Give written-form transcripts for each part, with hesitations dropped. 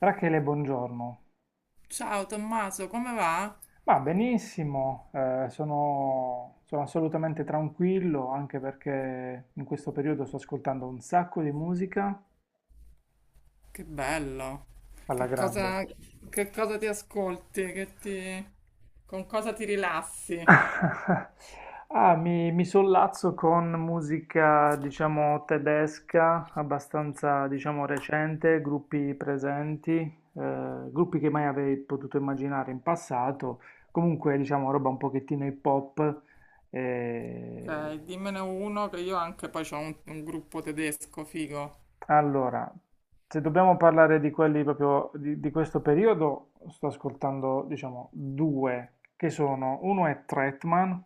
Rachele, buongiorno. Ciao Tommaso, come va? Ma benissimo, sono assolutamente tranquillo anche perché in questo periodo sto ascoltando un sacco di musica Che bello. alla Che grande. cosa, che cosa ti ascolti? Con cosa ti rilassi? Mi sollazzo con musica, diciamo, tedesca, abbastanza, diciamo, recente, gruppi presenti, gruppi che mai avrei potuto immaginare in passato, comunque, diciamo, roba un pochettino hip hop. eh, Ok, dimmene uno che io anche poi ho un gruppo tedesco figo. Allora, se dobbiamo parlare di quelli proprio di questo periodo, sto ascoltando, diciamo, due che sono, uno è Tretman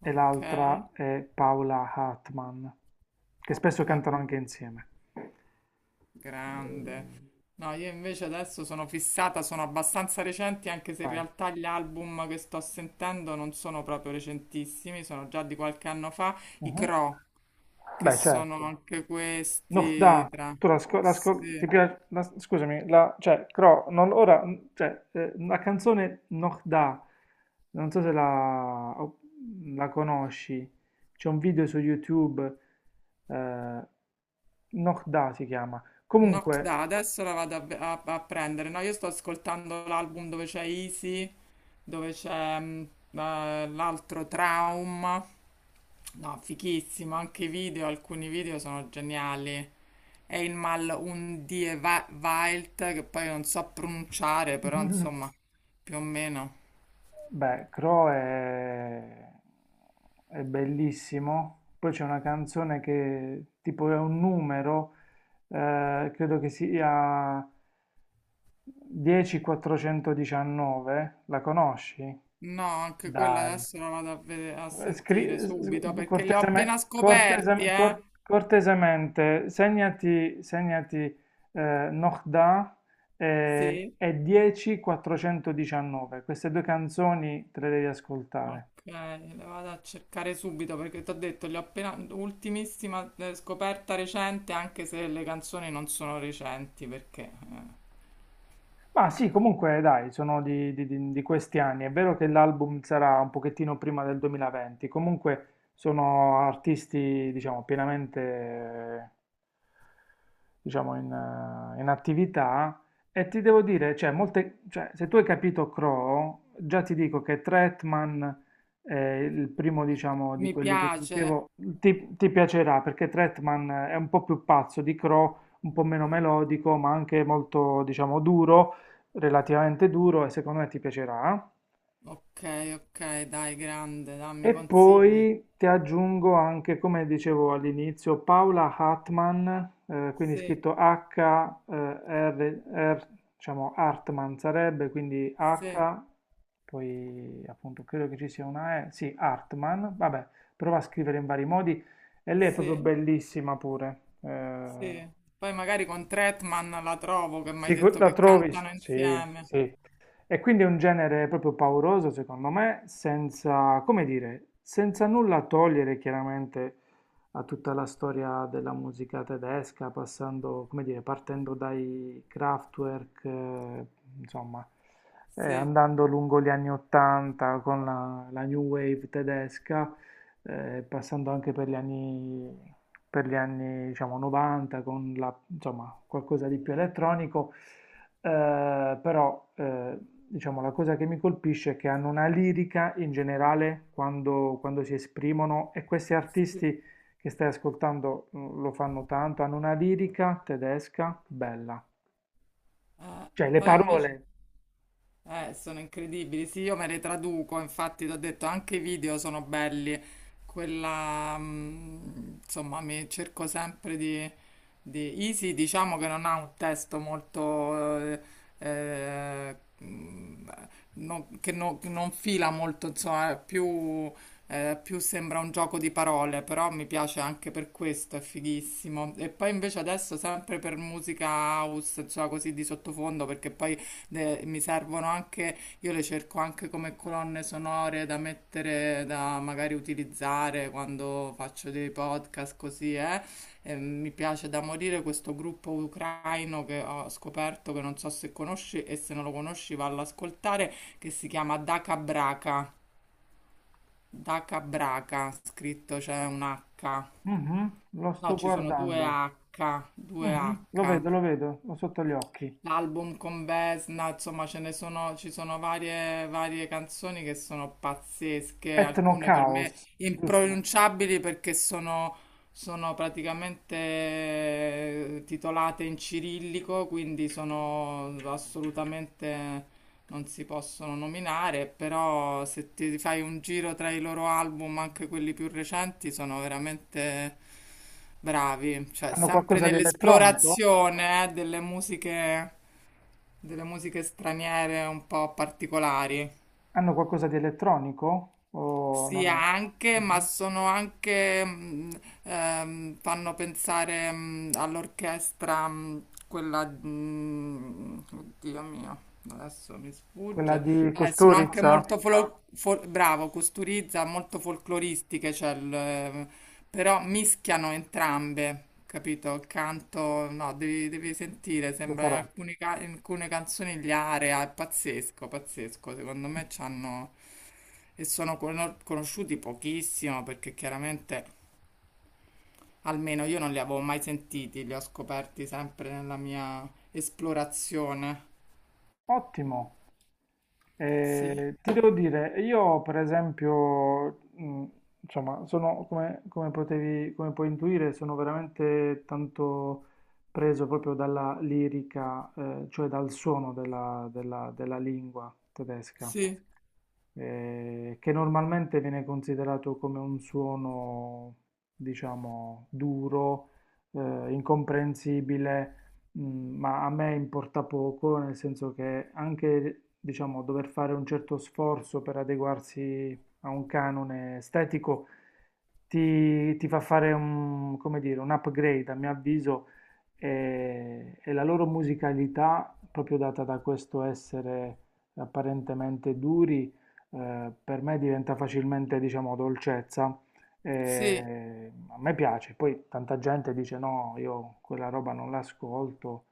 e Ok, l'altra è Paola Hartman, che spesso ok, cantano anche insieme. Eh, grande. No, io invece adesso sono fissata, sono abbastanza recenti, anche se in Vai. realtà gli album che sto sentendo non sono proprio recentissimi, sono già di qualche anno fa, i Mhm. Cro. Che Beh, sono certo. anche No, da, questi tra. tu la, ti Sì. piace, scusami, la, cioè, Cro, non, ora, cioè, la canzone Noch da, non so se la, la conosci, c'è un video su YouTube, eh, Noch da si chiama. Knock Comunque, Da, adesso la vado a prendere. No, io sto ascoltando l'album dove c'è Easy, dove c'è l'altro Traum. No, fighissimo, anche i video, alcuni video sono geniali. E il mal un die Wild, che poi non so pronunciare, però insomma, più o meno. beh, Cro è bellissimo, poi c'è una canzone che tipo è un numero, credo che sia... Dieci quattrocentodiciannove? La conosci? No, anche quella Dai. adesso la vado a sentire subito perché li ho appena scoperti, eh. Cortesemente, segnati Nohda Sì, e 10.419. Queste due canzoni te le devi ascoltare. ok, le vado a cercare subito perché ti ho detto, li ho appena, ultimissima scoperta recente, anche se le canzoni non sono recenti perché Ma sì, comunque dai, sono di questi anni. È vero che l'album sarà un pochettino prima del 2020, comunque sono artisti, diciamo, pienamente, diciamo, in attività. E ti devo dire, cioè, molte, cioè, se tu hai capito Crow, già ti dico che Tretman è il primo, diciamo, di mi quelli che ti piace. dicevo, ti piacerà perché Tretman è un po' più pazzo di Crow, un po' meno melodico, ma anche molto, diciamo, duro relativamente duro e secondo me ti piacerà. Ok, ok, dai, grande, dammi E consigli. poi ti aggiungo anche, come dicevo all'inizio, Paula Hartman, quindi Sì, scritto H-R, diciamo Hartman sarebbe, quindi sì, H, poi appunto credo che ci sia una E, sì, Hartman, vabbè, prova a scrivere in vari modi e lei è proprio sì, bellissima pure. Sì. Poi magari con Tretman la trovo che mi hai detto La che trovi? cantano Sì, insieme. sì. E quindi è un genere proprio pauroso, secondo me, senza, come dire, senza nulla togliere chiaramente a tutta la storia della musica tedesca, passando, come dire, partendo dai Kraftwerk, insomma, Sì, andando lungo gli anni 80 con la, la new wave tedesca, passando anche per gli anni diciamo, 90 con la, insomma, qualcosa di più elettronico, però diciamo, la cosa che mi colpisce è che hanno una lirica in generale quando, quando si esprimono e questi sì. artisti che stai ascoltando mm, lo fanno tanto, hanno una lirica tedesca bella, cioè le Poi invece. parole. Sono incredibili. Sì, io me le traduco, infatti, ti ho detto anche i video sono belli. Quella, insomma, mi cerco sempre di Easy, diciamo che non ha un testo molto, eh, mh, che non fila molto, insomma, è più sembra un gioco di parole, però mi piace anche per questo, è fighissimo. E poi invece adesso sempre per musica house, insomma, così di sottofondo, perché poi mi servono anche, io le cerco anche come colonne sonore da mettere, da magari utilizzare quando faccio dei podcast così, eh. E mi piace da morire questo gruppo ucraino che ho scoperto, che non so se conosci e se non lo conosci vallo ad ascoltare, che si chiama Daka Braka. Daka Braka, scritto c'è un H. Mhm, lo No, sto ci sono guardando. Due Mhm, H. Lo vedo, ho sotto gli occhi. L'album con Vesna, insomma, ci sono varie canzoni che sono pazzesche, Etno alcune per Chaos, me giusto? impronunciabili perché sono praticamente titolate in cirillico, quindi sono assolutamente non si possono nominare, però se ti fai un giro tra i loro album, anche quelli più recenti, sono veramente bravi, cioè Hanno sempre qualcosa di elettronico? nell'esplorazione, delle musiche straniere un po' particolari. Hanno qualcosa di elettronico? O non Sì, è- anche, ma Mhm. sono anche, fanno pensare, all'orchestra, quella, oddio mio, adesso mi Quella sfugge. di Sono anche Costurizza? molto, Costurizza, bravo, costurizza, molto folcloristiche, cioè però mischiano entrambe, capito? Il canto, no, devi sentire, Lo sembra farò. In alcune canzoni gli area, è pazzesco, pazzesco, secondo me c'hanno e sono conosciuti pochissimo perché chiaramente almeno io non li avevo mai sentiti, li ho scoperti sempre nella mia esplorazione. Ottimo. Sì, Ti devo dire, io per esempio, insomma, sono come, come potevi, come puoi intuire, sono veramente tanto preso proprio dalla lirica, cioè dal suono della della lingua tedesca. sì, Che normalmente viene considerato come un suono, diciamo, duro, eh, incomprensibile, mm, ma a me importa poco, nel senso che anche, diciamo, dover fare un certo sforzo per adeguarsi a un canone estetico ti fa fare un, come dire, un upgrade, a mio avviso, e la loro musicalità, proprio data da questo essere apparentemente duri, per me diventa facilmente, diciamo, dolcezza. sì. E a me piace, poi tanta gente dice no, io quella roba non l'ascolto.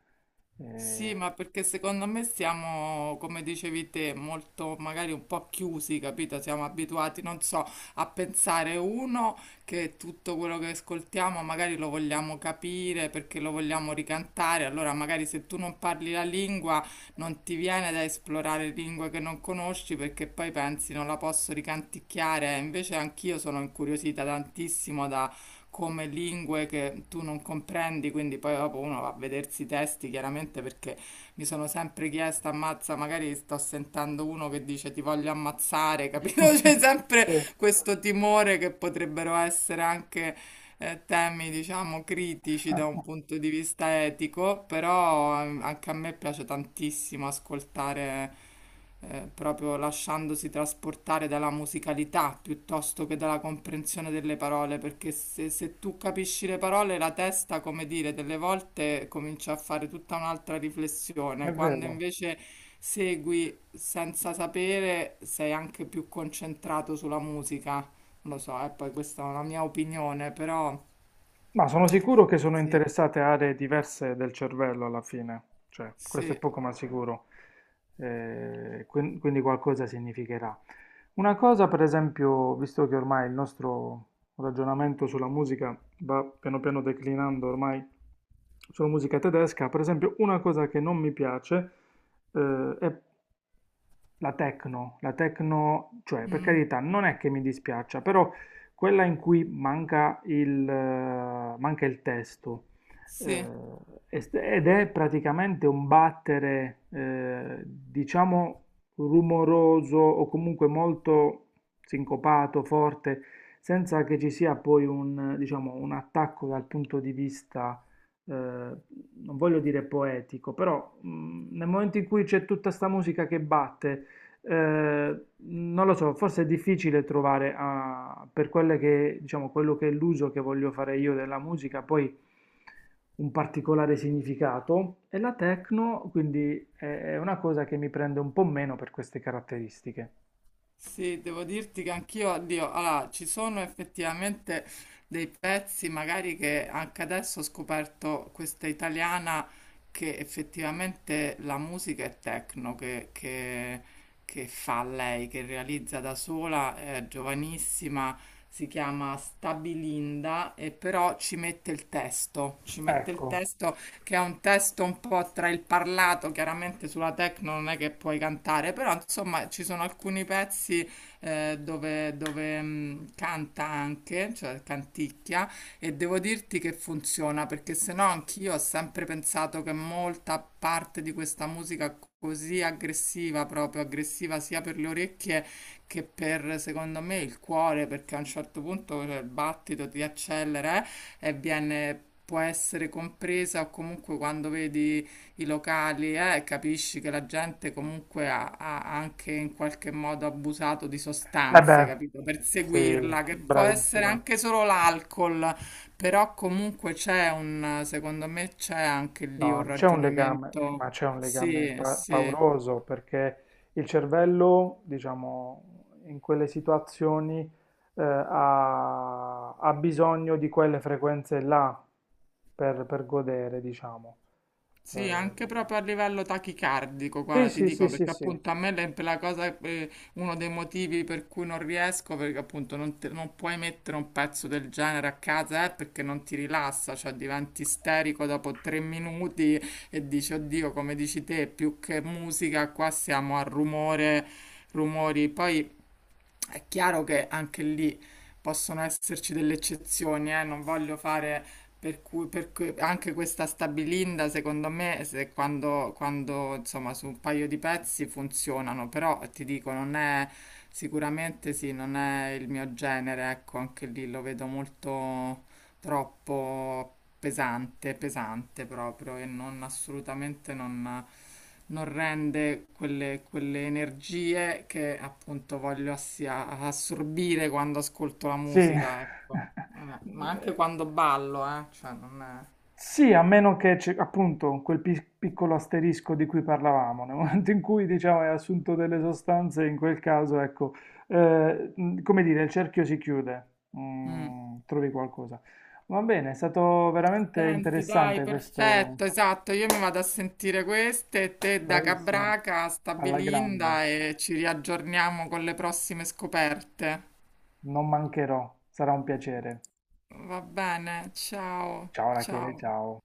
Sì, eh, ma perché secondo me siamo, come dicevi te, molto magari un po' chiusi, capito? Siamo abituati, non so, a pensare uno che tutto quello che ascoltiamo magari lo vogliamo capire perché lo vogliamo ricantare, allora magari se tu non parli la lingua non ti viene da esplorare lingue che non conosci perché poi pensi non la posso ricanticchiare, invece anch'io sono incuriosita tantissimo da come lingue che tu non comprendi, quindi poi dopo uno va a vedersi i testi chiaramente perché mi sono sempre chiesta, ammazza, magari sto sentendo uno che dice ti voglio ammazzare, capito? C'è sempre Mm. questo timore che potrebbero essere anche temi, diciamo, critici da un punto di vista etico, però anche a me piace tantissimo ascoltare, proprio lasciandosi trasportare dalla musicalità piuttosto che dalla comprensione delle parole, perché se tu capisci le parole, la testa, come dire, delle volte comincia a fare tutta un'altra È riflessione, quando vero. invece segui senza sapere, sei anche più concentrato sulla musica. Lo so, e poi questa è una mia opinione, però Ma sono sicuro che sono sì, interessate aree diverse del cervello alla fine, cioè questo è sì, poco ma sicuro. Quindi qualcosa significherà. Una cosa, per esempio, visto che ormai il nostro ragionamento sulla musica va piano piano declinando ormai sulla musica tedesca, per esempio, una cosa che non mi piace, è la techno, cioè per mm, carità, non è che mi dispiaccia, però quella in cui manca il testo eh, sì, ed è praticamente un battere, diciamo, rumoroso o comunque molto sincopato, forte, senza che ci sia poi un, diciamo, un attacco dal punto di vista non voglio dire poetico, però nel momento in cui c'è tutta sta musica che batte non lo so, forse è difficile trovare ah, per quelle che, diciamo, quello che è l'uso che voglio fare io della musica, poi un particolare significato e la techno, quindi è una cosa che mi prende un po' meno per queste caratteristiche. sì, devo dirti che anch'io, oddio, allora, ci sono effettivamente dei pezzi, magari che anche adesso ho scoperto questa italiana che effettivamente la musica è techno, che fa lei, che realizza da sola, è giovanissima, si chiama Stabilinda e però ci mette il testo, ci mette il Ecco, testo che è un testo un po' tra il parlato, chiaramente sulla techno non è che puoi cantare, però insomma ci sono alcuni pezzi dove, canta anche, cioè canticchia, e devo dirti che funziona, perché se no anch'io ho sempre pensato che molta parte di questa musica così aggressiva, proprio aggressiva sia per le orecchie che per, secondo me, il cuore, perché a un certo punto cioè, il battito ti accelera, ebbene può essere compresa o comunque quando vedi i locali capisci che la gente comunque ha anche in qualche modo abusato di eh sostanze, beh, capito? Per sì, seguirla, che può essere bravissima. anche solo l'alcol, però comunque c'è un, secondo me c'è anche lì un No, c'è un legame, ragionamento, ma c'è un legame sì, sì. pauroso perché il cervello, diciamo, in quelle situazioni ha, ha bisogno di quelle frequenze là per godere, diciamo. Eh, Sì, anche proprio a livello tachicardico, sì, guarda, ti sì, sì, dico, sì, perché sì, appunto a me la cosa, uno dei motivi per cui non riesco, perché appunto non puoi mettere un pezzo del genere a casa, perché non ti rilassa, cioè diventi isterico dopo 3 minuti e dici, oddio, come dici te, più che musica, qua siamo a rumore, rumori. Poi è chiaro che anche lì possono esserci delle eccezioni, Non voglio fare anche questa stabilinda, secondo me, se quando, insomma su un paio di pezzi funzionano, però ti dico, non è sicuramente sì, non è il mio genere, ecco, anche lì lo vedo molto. Troppo pesante, pesante proprio, e non assolutamente non rende quelle, quelle energie che appunto voglio assorbire quando ascolto la sì. musica, ecco. Ma anche quando ballo, cioè non è. Sì, a meno che, c'è, appunto, quel piccolo asterisco di cui parlavamo, nel momento in cui, diciamo, hai assunto delle sostanze, in quel caso, ecco, come dire, il cerchio si chiude. Mm. Mm, trovi qualcosa. Va bene, è stato veramente Senti, dai, interessante questo, perfetto, esatto. Io mi vado a sentire queste, te da bravissimo, Cabraca, sta alla grande, Bilinda e ci riaggiorniamo con le prossime scoperte. non mancherò, sarà un piacere. Va bene, ciao, Ciao Rachele, ciao. ciao.